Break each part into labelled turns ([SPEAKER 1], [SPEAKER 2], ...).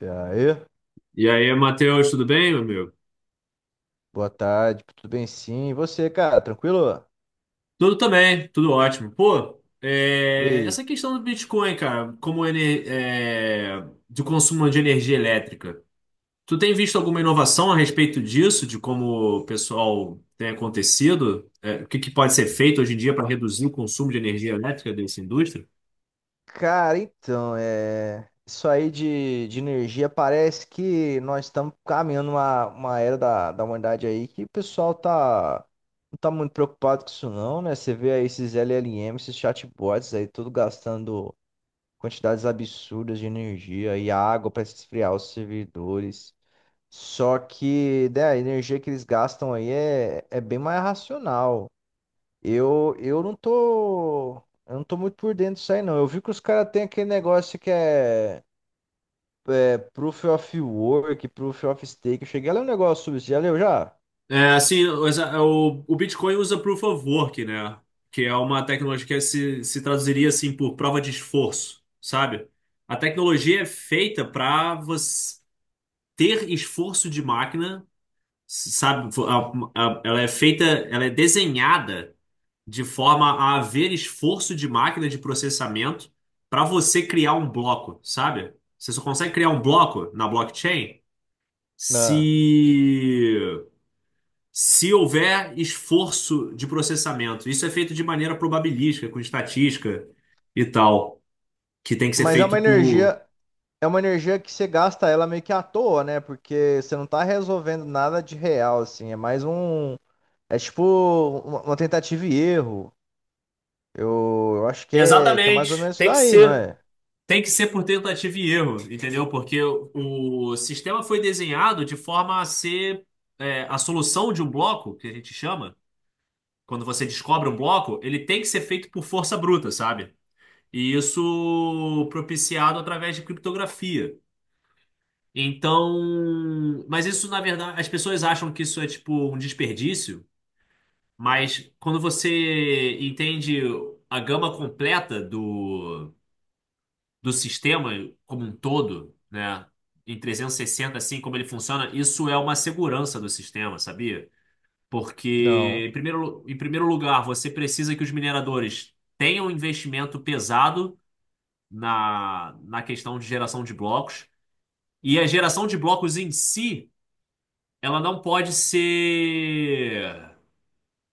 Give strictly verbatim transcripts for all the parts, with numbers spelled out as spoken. [SPEAKER 1] E aí?
[SPEAKER 2] E aí, Matheus, tudo bem, meu amigo?
[SPEAKER 1] Boa tarde, tudo bem sim? E você, cara, tranquilo?
[SPEAKER 2] Tudo também, tudo ótimo. Pô,
[SPEAKER 1] E
[SPEAKER 2] é,
[SPEAKER 1] aí?
[SPEAKER 2] essa questão do Bitcoin, cara, como ele, é, do consumo de energia elétrica, tu tem visto alguma inovação a respeito disso, de como o pessoal tem acontecido? É, o que que pode ser feito hoje em dia para reduzir o consumo de energia elétrica dessa indústria?
[SPEAKER 1] Cara, então, é... isso aí de, de energia parece que nós estamos caminhando uma, uma era da, da humanidade aí que o pessoal tá não tá muito preocupado com isso não, né? Você vê aí esses L L M, esses chatbots aí, tudo gastando quantidades absurdas de energia e água para esfriar os servidores. Só que, né, a energia que eles gastam aí é, é bem mais racional. Eu, eu não tô, eu não tô muito por dentro disso aí, não. Eu vi que os caras têm aquele negócio que é, é Proof of Work, Proof of Stake. Eu cheguei a ler um negócio sobre isso, já leu já?
[SPEAKER 2] É, assim, o, o Bitcoin usa Proof of Work, né? Que é uma tecnologia que se, se traduziria assim por prova de esforço, sabe? A tecnologia é feita para você ter esforço de máquina, sabe? a- a- Ela é feita, ela é desenhada de forma a haver esforço de máquina de processamento para você criar um bloco, sabe? Você só consegue criar um bloco na blockchain
[SPEAKER 1] Ah.
[SPEAKER 2] se se houver esforço de processamento. Isso é feito de maneira probabilística, com estatística e tal, que tem que ser
[SPEAKER 1] Mas é
[SPEAKER 2] feito
[SPEAKER 1] uma
[SPEAKER 2] por.
[SPEAKER 1] energia, é uma energia que você gasta ela meio que à toa, né? Porque você não tá resolvendo nada de real, assim. É mais um, é tipo uma uma tentativa e erro. Eu, eu acho que é, que é mais ou
[SPEAKER 2] Exatamente.
[SPEAKER 1] menos isso
[SPEAKER 2] Tem que
[SPEAKER 1] daí, não
[SPEAKER 2] ser,
[SPEAKER 1] é?
[SPEAKER 2] tem que ser por tentativa e erro, entendeu? Porque o sistema foi desenhado de forma a ser é, a solução de um bloco, que a gente chama, quando você descobre um bloco, ele tem que ser feito por força bruta, sabe? E isso propiciado através de criptografia. Então, mas isso na verdade, as pessoas acham que isso é tipo um desperdício, mas quando você entende a gama completa do, do sistema como um todo, né, em trezentos e sessenta assim como ele funciona, isso é uma segurança do sistema, sabia? Porque
[SPEAKER 1] Não.
[SPEAKER 2] em primeiro, Em primeiro lugar, você precisa que os mineradores tenham um investimento pesado na, na questão de geração de blocos, e a geração de blocos em si ela não pode ser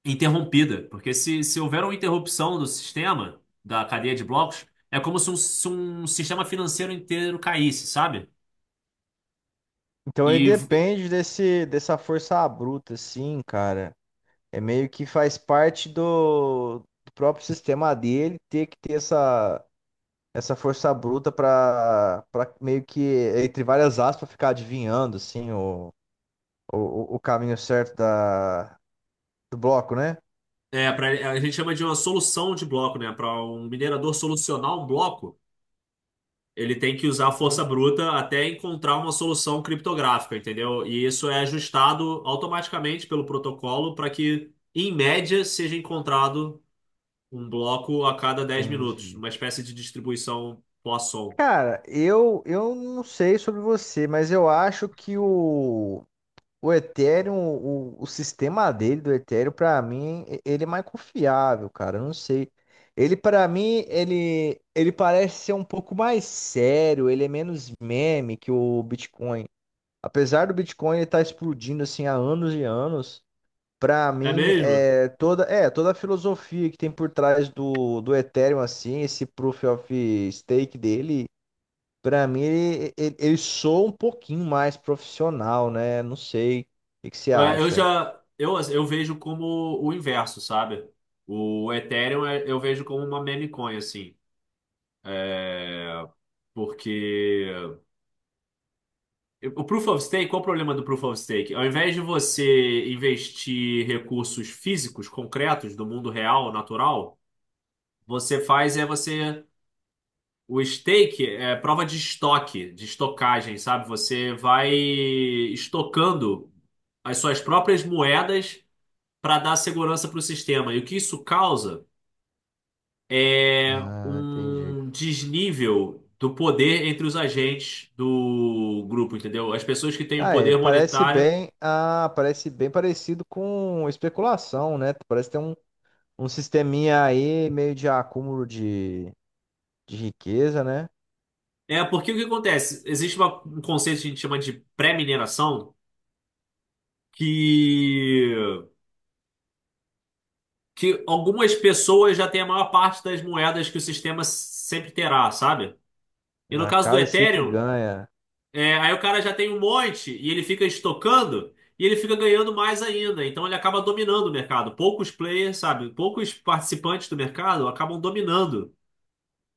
[SPEAKER 2] interrompida, porque se, se houver uma interrupção do sistema, da cadeia de blocos, é como se um, se um sistema financeiro inteiro caísse, sabe?
[SPEAKER 1] Então ele
[SPEAKER 2] E
[SPEAKER 1] depende desse, dessa força bruta, assim, cara. É meio que faz parte do, do próprio sistema dele ter que ter essa, essa força bruta para para meio que, entre várias aspas, ficar adivinhando assim, o, o, o caminho certo da, do bloco, né?
[SPEAKER 2] é, pra, a gente chama de uma solução de bloco, né? Para um minerador solucionar um bloco, ele tem que usar a força
[SPEAKER 1] Uhum.
[SPEAKER 2] bruta até encontrar uma solução criptográfica, entendeu? E isso é ajustado automaticamente pelo protocolo para que, em média, seja encontrado um bloco a cada dez minutos,
[SPEAKER 1] Entendi.
[SPEAKER 2] uma espécie de distribuição Poisson.
[SPEAKER 1] Cara, eu, eu não sei sobre você, mas eu acho que o o Ethereum, o, o sistema dele do Ethereum, pra mim, e- ele é mais confiável, cara. Eu não sei. Ele, pra mim, ele, ele parece ser um pouco mais sério, ele é menos meme que o Bitcoin. Apesar do Bitcoin estar explodindo assim há anos e anos, pra
[SPEAKER 2] É
[SPEAKER 1] mim,
[SPEAKER 2] mesmo?
[SPEAKER 1] é toda, é, toda a filosofia que tem por trás do, do Ethereum, assim, esse proof of stake dele. Pra mim, ele, ele, ele soa um pouquinho mais profissional, né? Não sei. O que que você
[SPEAKER 2] É, eu
[SPEAKER 1] acha?
[SPEAKER 2] já eu, assim, eu vejo como o inverso, sabe? O Ethereum é- eu vejo como uma meme coin, assim. É, porque o Proof of Stake, qual o problema do Proof of Stake? Ao invés de você investir recursos físicos, concretos, do mundo real, natural, você faz é você. O stake é prova de estoque, de estocagem, sabe? Você vai estocando as suas próprias moedas para dar segurança para o sistema. E o que isso causa é
[SPEAKER 1] Ah, entendi.
[SPEAKER 2] um desnível do poder entre os agentes do grupo, entendeu? As pessoas que têm o
[SPEAKER 1] Ah, é.
[SPEAKER 2] poder
[SPEAKER 1] Parece
[SPEAKER 2] monetário.
[SPEAKER 1] bem. Ah, parece bem parecido com especulação, né? Parece ter um, um sisteminha aí meio de acúmulo de, de riqueza, né?
[SPEAKER 2] É porque o que acontece? Existe uma- um conceito que a gente chama de pré-mineração, que que algumas pessoas já têm a maior parte das moedas que o sistema sempre terá, sabe? E no
[SPEAKER 1] A
[SPEAKER 2] caso do
[SPEAKER 1] casa sempre
[SPEAKER 2] Ethereum,
[SPEAKER 1] ganha.
[SPEAKER 2] é, aí o cara já tem um monte e ele fica estocando e ele fica ganhando mais ainda. Então ele acaba dominando o mercado. Poucos players, sabe? Poucos participantes do mercado acabam dominando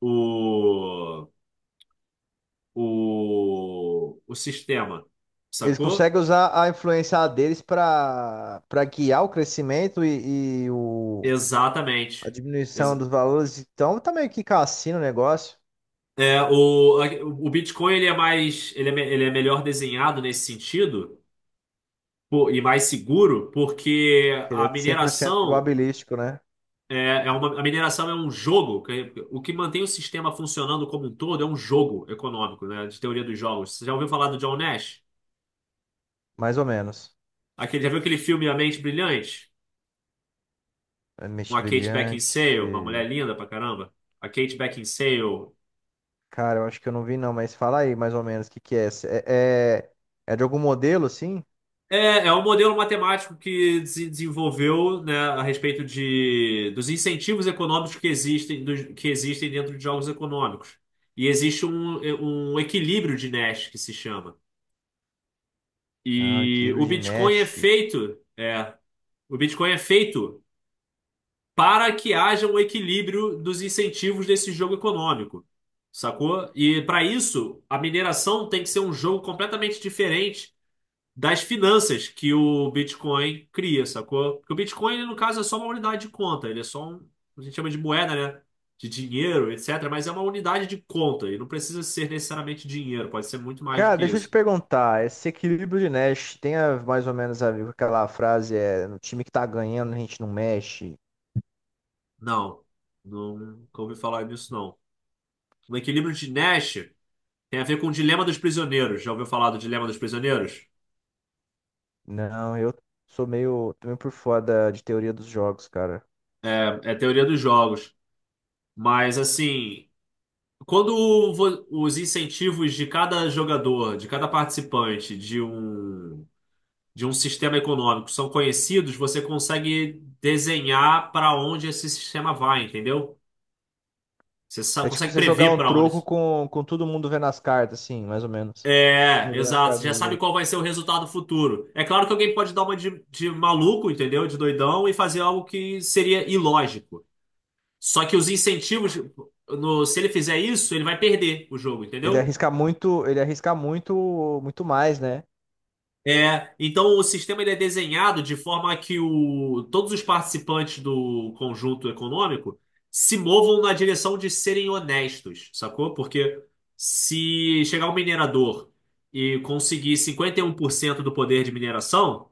[SPEAKER 2] o, o, o sistema,
[SPEAKER 1] Eles
[SPEAKER 2] sacou?
[SPEAKER 1] conseguem usar a influência deles para para guiar o crescimento e, e o, a
[SPEAKER 2] Exatamente.
[SPEAKER 1] diminuição
[SPEAKER 2] Exa-
[SPEAKER 1] dos valores. Então, tá meio que cassino o negócio.
[SPEAKER 2] é, o, o Bitcoin ele é mais ele é, me- ele é melhor desenhado nesse sentido. Pô, e mais seguro, porque
[SPEAKER 1] Que ele
[SPEAKER 2] a
[SPEAKER 1] é cem por cento
[SPEAKER 2] mineração
[SPEAKER 1] probabilístico, né?
[SPEAKER 2] é, é uma, a mineração é um jogo. Que- o que mantém o sistema funcionando como um todo é um jogo econômico, né? De teoria dos jogos. Você já ouviu falar do John Nash?
[SPEAKER 1] Mais ou menos.
[SPEAKER 2] Aquele, já viu aquele filme A Mente Brilhante?
[SPEAKER 1] É
[SPEAKER 2] Com
[SPEAKER 1] Mente
[SPEAKER 2] a Kate
[SPEAKER 1] Brilhante.
[SPEAKER 2] Beckinsale, uma mulher linda pra caramba. A Kate Beckinsale.
[SPEAKER 1] Cara, eu acho que eu não vi não, mas fala aí mais ou menos o que que é. É, é, é de algum modelo, assim?
[SPEAKER 2] É, é um modelo matemático que se desenvolveu, né, a respeito de, dos incentivos econômicos que existem, dos- que existem dentro de jogos econômicos. E existe um, um equilíbrio de Nash, que se chama.
[SPEAKER 1] Ah,
[SPEAKER 2] E o
[SPEAKER 1] Equilíbrio de
[SPEAKER 2] Bitcoin é
[SPEAKER 1] Nash.
[SPEAKER 2] feito, é, o Bitcoin é feito para que haja um equilíbrio dos incentivos desse jogo econômico, sacou? E para isso, a mineração tem que ser um jogo completamente diferente das finanças que o Bitcoin cria, sacou? Porque o Bitcoin, ele, no caso, é só uma unidade de conta, ele é só um, a gente chama de moeda, né? De dinheiro, etcétera. Mas é uma unidade de conta e não precisa ser necessariamente dinheiro, pode ser muito mais do
[SPEAKER 1] Cara,
[SPEAKER 2] que
[SPEAKER 1] deixa eu te
[SPEAKER 2] isso.
[SPEAKER 1] perguntar, esse Equilíbrio de Nash tem a- mais ou menos a ver com aquela frase, é, no time que tá ganhando a gente não mexe?
[SPEAKER 2] Não, nunca ouvi falar nisso, não. No equilíbrio de Nash tem a ver com o dilema dos prisioneiros. Já ouviu falar do dilema dos prisioneiros?
[SPEAKER 1] Não, eu sou meio, tô meio por fora da- de teoria dos jogos, cara.
[SPEAKER 2] É, é teoria dos jogos. Mas, assim, quando vo- os incentivos de cada jogador, de cada participante de um de um sistema econômico são conhecidos, você consegue desenhar para onde esse sistema vai, entendeu? Você sa-
[SPEAKER 1] É tipo
[SPEAKER 2] consegue
[SPEAKER 1] você jogar
[SPEAKER 2] prever
[SPEAKER 1] um
[SPEAKER 2] para onde.
[SPEAKER 1] troco com, com todo mundo vendo as cartas, assim, mais ou menos. Todo
[SPEAKER 2] É,
[SPEAKER 1] mundo vendo as
[SPEAKER 2] exato. Você
[SPEAKER 1] cartas
[SPEAKER 2] já
[SPEAKER 1] dos
[SPEAKER 2] sabe qual
[SPEAKER 1] outros.
[SPEAKER 2] vai ser o resultado futuro. É claro que alguém pode dar uma de, de maluco, entendeu? De doidão e fazer algo que seria ilógico. Só que os incentivos, no- se ele fizer isso, ele vai perder o jogo,
[SPEAKER 1] Ele
[SPEAKER 2] entendeu?
[SPEAKER 1] arrisca muito, ele arrisca muito, muito mais, né?
[SPEAKER 2] É, então o sistema ele é desenhado de forma que o, todos os participantes do conjunto econômico se movam na direção de serem honestos, sacou? Porque se chegar um minerador e conseguir cinquenta e um por cento do poder de mineração,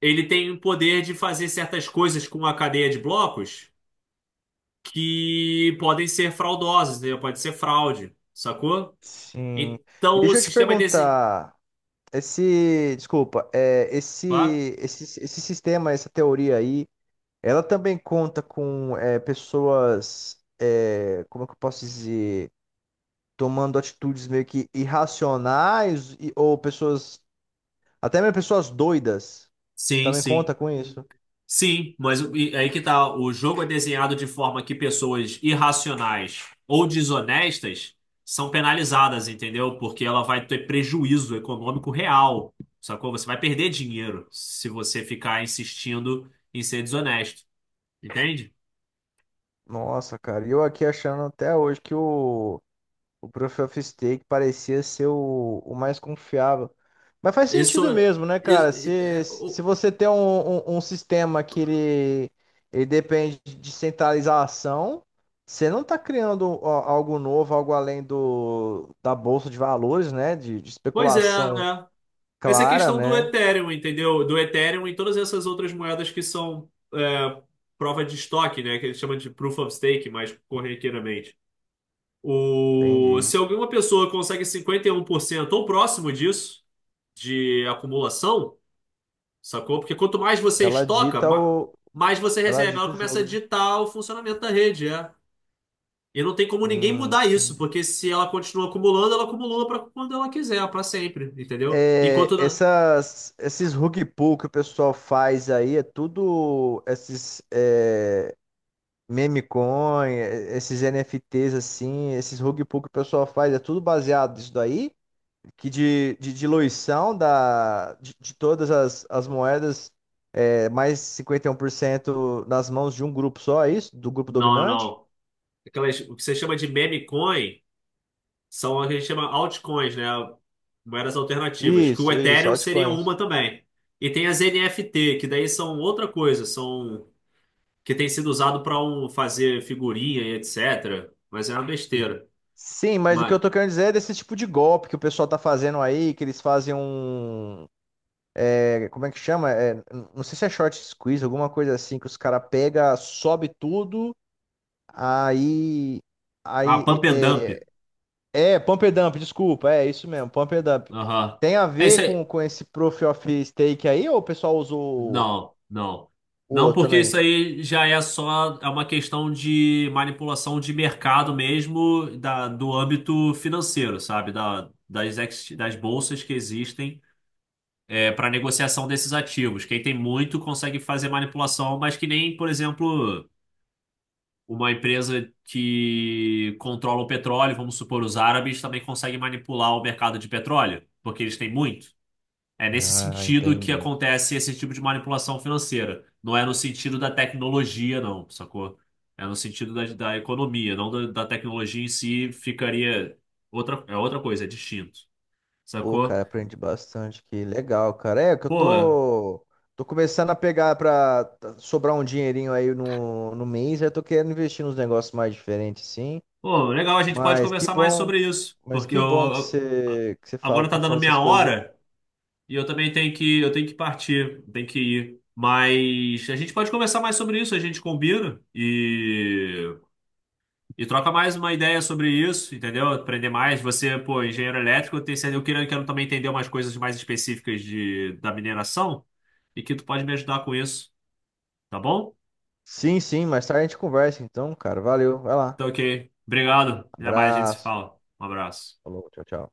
[SPEAKER 2] ele tem o poder de fazer certas coisas com a cadeia de blocos que podem ser fraudosas, né? Pode ser fraude, sacou?
[SPEAKER 1] Sim.
[SPEAKER 2] Então
[SPEAKER 1] E
[SPEAKER 2] o
[SPEAKER 1] deixa eu te
[SPEAKER 2] sistema é desenhado.
[SPEAKER 1] perguntar, esse, desculpa, é,
[SPEAKER 2] Claro.
[SPEAKER 1] esse, esse, esse sistema, essa teoria aí, ela também conta com é, pessoas, é, como é que eu posso dizer, tomando atitudes meio que irracionais e- ou pessoas, até mesmo pessoas doidas,
[SPEAKER 2] Sim,
[SPEAKER 1] também
[SPEAKER 2] sim.
[SPEAKER 1] conta com isso.
[SPEAKER 2] Sim, mas o- e aí que tá. O jogo é desenhado de forma que pessoas irracionais ou desonestas são penalizadas, entendeu? Porque ela vai ter prejuízo econômico real, sacou? Você vai perder dinheiro se você ficar insistindo em ser desonesto, entende?
[SPEAKER 1] Nossa, cara, e eu aqui achando até hoje que o o Proof of Stake parecia ser o, o mais confiável. Mas faz sentido
[SPEAKER 2] Isso,
[SPEAKER 1] mesmo, né,
[SPEAKER 2] isso-
[SPEAKER 1] cara? Se,
[SPEAKER 2] é-
[SPEAKER 1] se
[SPEAKER 2] o-
[SPEAKER 1] você tem um, um, um sistema que ele, ele depende de centralização, você não está criando a- algo novo, algo além do, da bolsa de valores, né? De, de
[SPEAKER 2] Pois é,
[SPEAKER 1] especulação
[SPEAKER 2] é. Essa é a
[SPEAKER 1] clara,
[SPEAKER 2] questão do
[SPEAKER 1] né?
[SPEAKER 2] Ethereum, entendeu? Do Ethereum e todas essas outras moedas que são é, prova de estoque, né? Que eles chamam de proof of stake mais corriqueiramente. O,
[SPEAKER 1] Entendi.
[SPEAKER 2] se alguma pessoa consegue cinquenta e um por cento ou próximo disso, de acumulação, sacou? Porque quanto mais você
[SPEAKER 1] Ela
[SPEAKER 2] estoca,
[SPEAKER 1] dita
[SPEAKER 2] ma-
[SPEAKER 1] o,
[SPEAKER 2] mais você
[SPEAKER 1] ela
[SPEAKER 2] recebe. Ela
[SPEAKER 1] dita o
[SPEAKER 2] começa a
[SPEAKER 1] jogo, né?
[SPEAKER 2] ditar o funcionamento da rede, é. E não tem como ninguém
[SPEAKER 1] Hum,
[SPEAKER 2] mudar isso,
[SPEAKER 1] entendi.
[SPEAKER 2] porque se ela continua acumulando, ela acumula para quando ela quiser, para sempre, entendeu?
[SPEAKER 1] É,
[SPEAKER 2] Enquanto.
[SPEAKER 1] essas, esses rug pull que o pessoal faz aí é tudo esses é, meme coin, é, esses N F Ts assim, esses rug pull que o pessoal faz é tudo baseado nisso daí, que de, de diluição da, de, de todas as, as moedas, é, mais cinquenta e um por cento nas mãos de um grupo só, é isso? Do grupo
[SPEAKER 2] Não, não,
[SPEAKER 1] dominante?
[SPEAKER 2] não. Aquelas, o que você chama de meme coin são o que a gente chama altcoins, né? Moedas alternativas, que o
[SPEAKER 1] Isso, isso,
[SPEAKER 2] Ethereum seria
[SPEAKER 1] altcoins.
[SPEAKER 2] uma também. E tem as N F T, que daí são outra coisa, são que tem sido usado para um, fazer figurinha e etcétera. Mas é uma besteira.
[SPEAKER 1] Sim, mas o que eu
[SPEAKER 2] Mas,
[SPEAKER 1] tô querendo dizer é desse tipo de golpe que o pessoal tá fazendo aí, que eles fazem um é, como é que chama? É, n- não sei se é short squeeze, alguma coisa assim, que os caras pega, sobe tudo, aí.
[SPEAKER 2] ah,
[SPEAKER 1] Aí.
[SPEAKER 2] pump and dump.
[SPEAKER 1] É, é, é, pump and dump, desculpa, é isso mesmo, pump and dump.
[SPEAKER 2] Aham.
[SPEAKER 1] Tem a
[SPEAKER 2] É isso
[SPEAKER 1] ver com,
[SPEAKER 2] aí.
[SPEAKER 1] com esse Proof of Stake aí, ou o pessoal usou
[SPEAKER 2] Não, não.
[SPEAKER 1] o
[SPEAKER 2] Não,
[SPEAKER 1] outro
[SPEAKER 2] porque isso
[SPEAKER 1] também?
[SPEAKER 2] aí já é só é uma questão de manipulação de mercado mesmo, da, do âmbito financeiro, sabe? Da, das, ex- das bolsas que existem para negociação desses ativos. Quem tem muito consegue fazer manipulação, mas que nem, por exemplo, uma empresa que controla o petróleo, vamos supor, os árabes também conseguem manipular o mercado de petróleo, porque eles têm muito. É nesse
[SPEAKER 1] Ah,
[SPEAKER 2] sentido que
[SPEAKER 1] entendi.
[SPEAKER 2] acontece esse tipo de manipulação financeira. Não é no sentido da tecnologia, não, sacou? É no sentido da, da economia, não da, da tecnologia em si, ficaria outra, é outra coisa, é distinto,
[SPEAKER 1] Pô,
[SPEAKER 2] sacou?
[SPEAKER 1] cara, aprendi bastante que legal, cara. É que eu
[SPEAKER 2] Pô,
[SPEAKER 1] tô tô começando a pegar pra sobrar um dinheirinho aí no, no mês, aí eu tô querendo investir nos negócios mais diferentes, sim.
[SPEAKER 2] Pô, legal, a gente pode
[SPEAKER 1] Mas que
[SPEAKER 2] conversar mais
[SPEAKER 1] bom.
[SPEAKER 2] sobre isso,
[SPEAKER 1] Mas
[SPEAKER 2] porque eu,
[SPEAKER 1] que bom que
[SPEAKER 2] eu-
[SPEAKER 1] você que você fala,
[SPEAKER 2] agora tá
[SPEAKER 1] tá
[SPEAKER 2] dando
[SPEAKER 1] falando essas
[SPEAKER 2] minha
[SPEAKER 1] coisas aí.
[SPEAKER 2] hora e eu também tenho que, eu tenho que partir, tenho que ir. Mas a gente pode conversar mais sobre isso, a gente combina e, e troca mais uma ideia sobre isso, entendeu? Aprender mais. Você, pô, engenheiro elétrico, eu tenho, certeza- eu quero, eu quero também entender umas coisas mais específicas de, da mineração e que tu pode me ajudar com isso, tá bom?
[SPEAKER 1] Sim, sim, mais tarde a gente conversa então, cara. Valeu, vai lá.
[SPEAKER 2] Então, ok. Obrigado. Até mais, a gente se
[SPEAKER 1] Abraço.
[SPEAKER 2] fala. Um abraço.
[SPEAKER 1] Falou, tchau, tchau.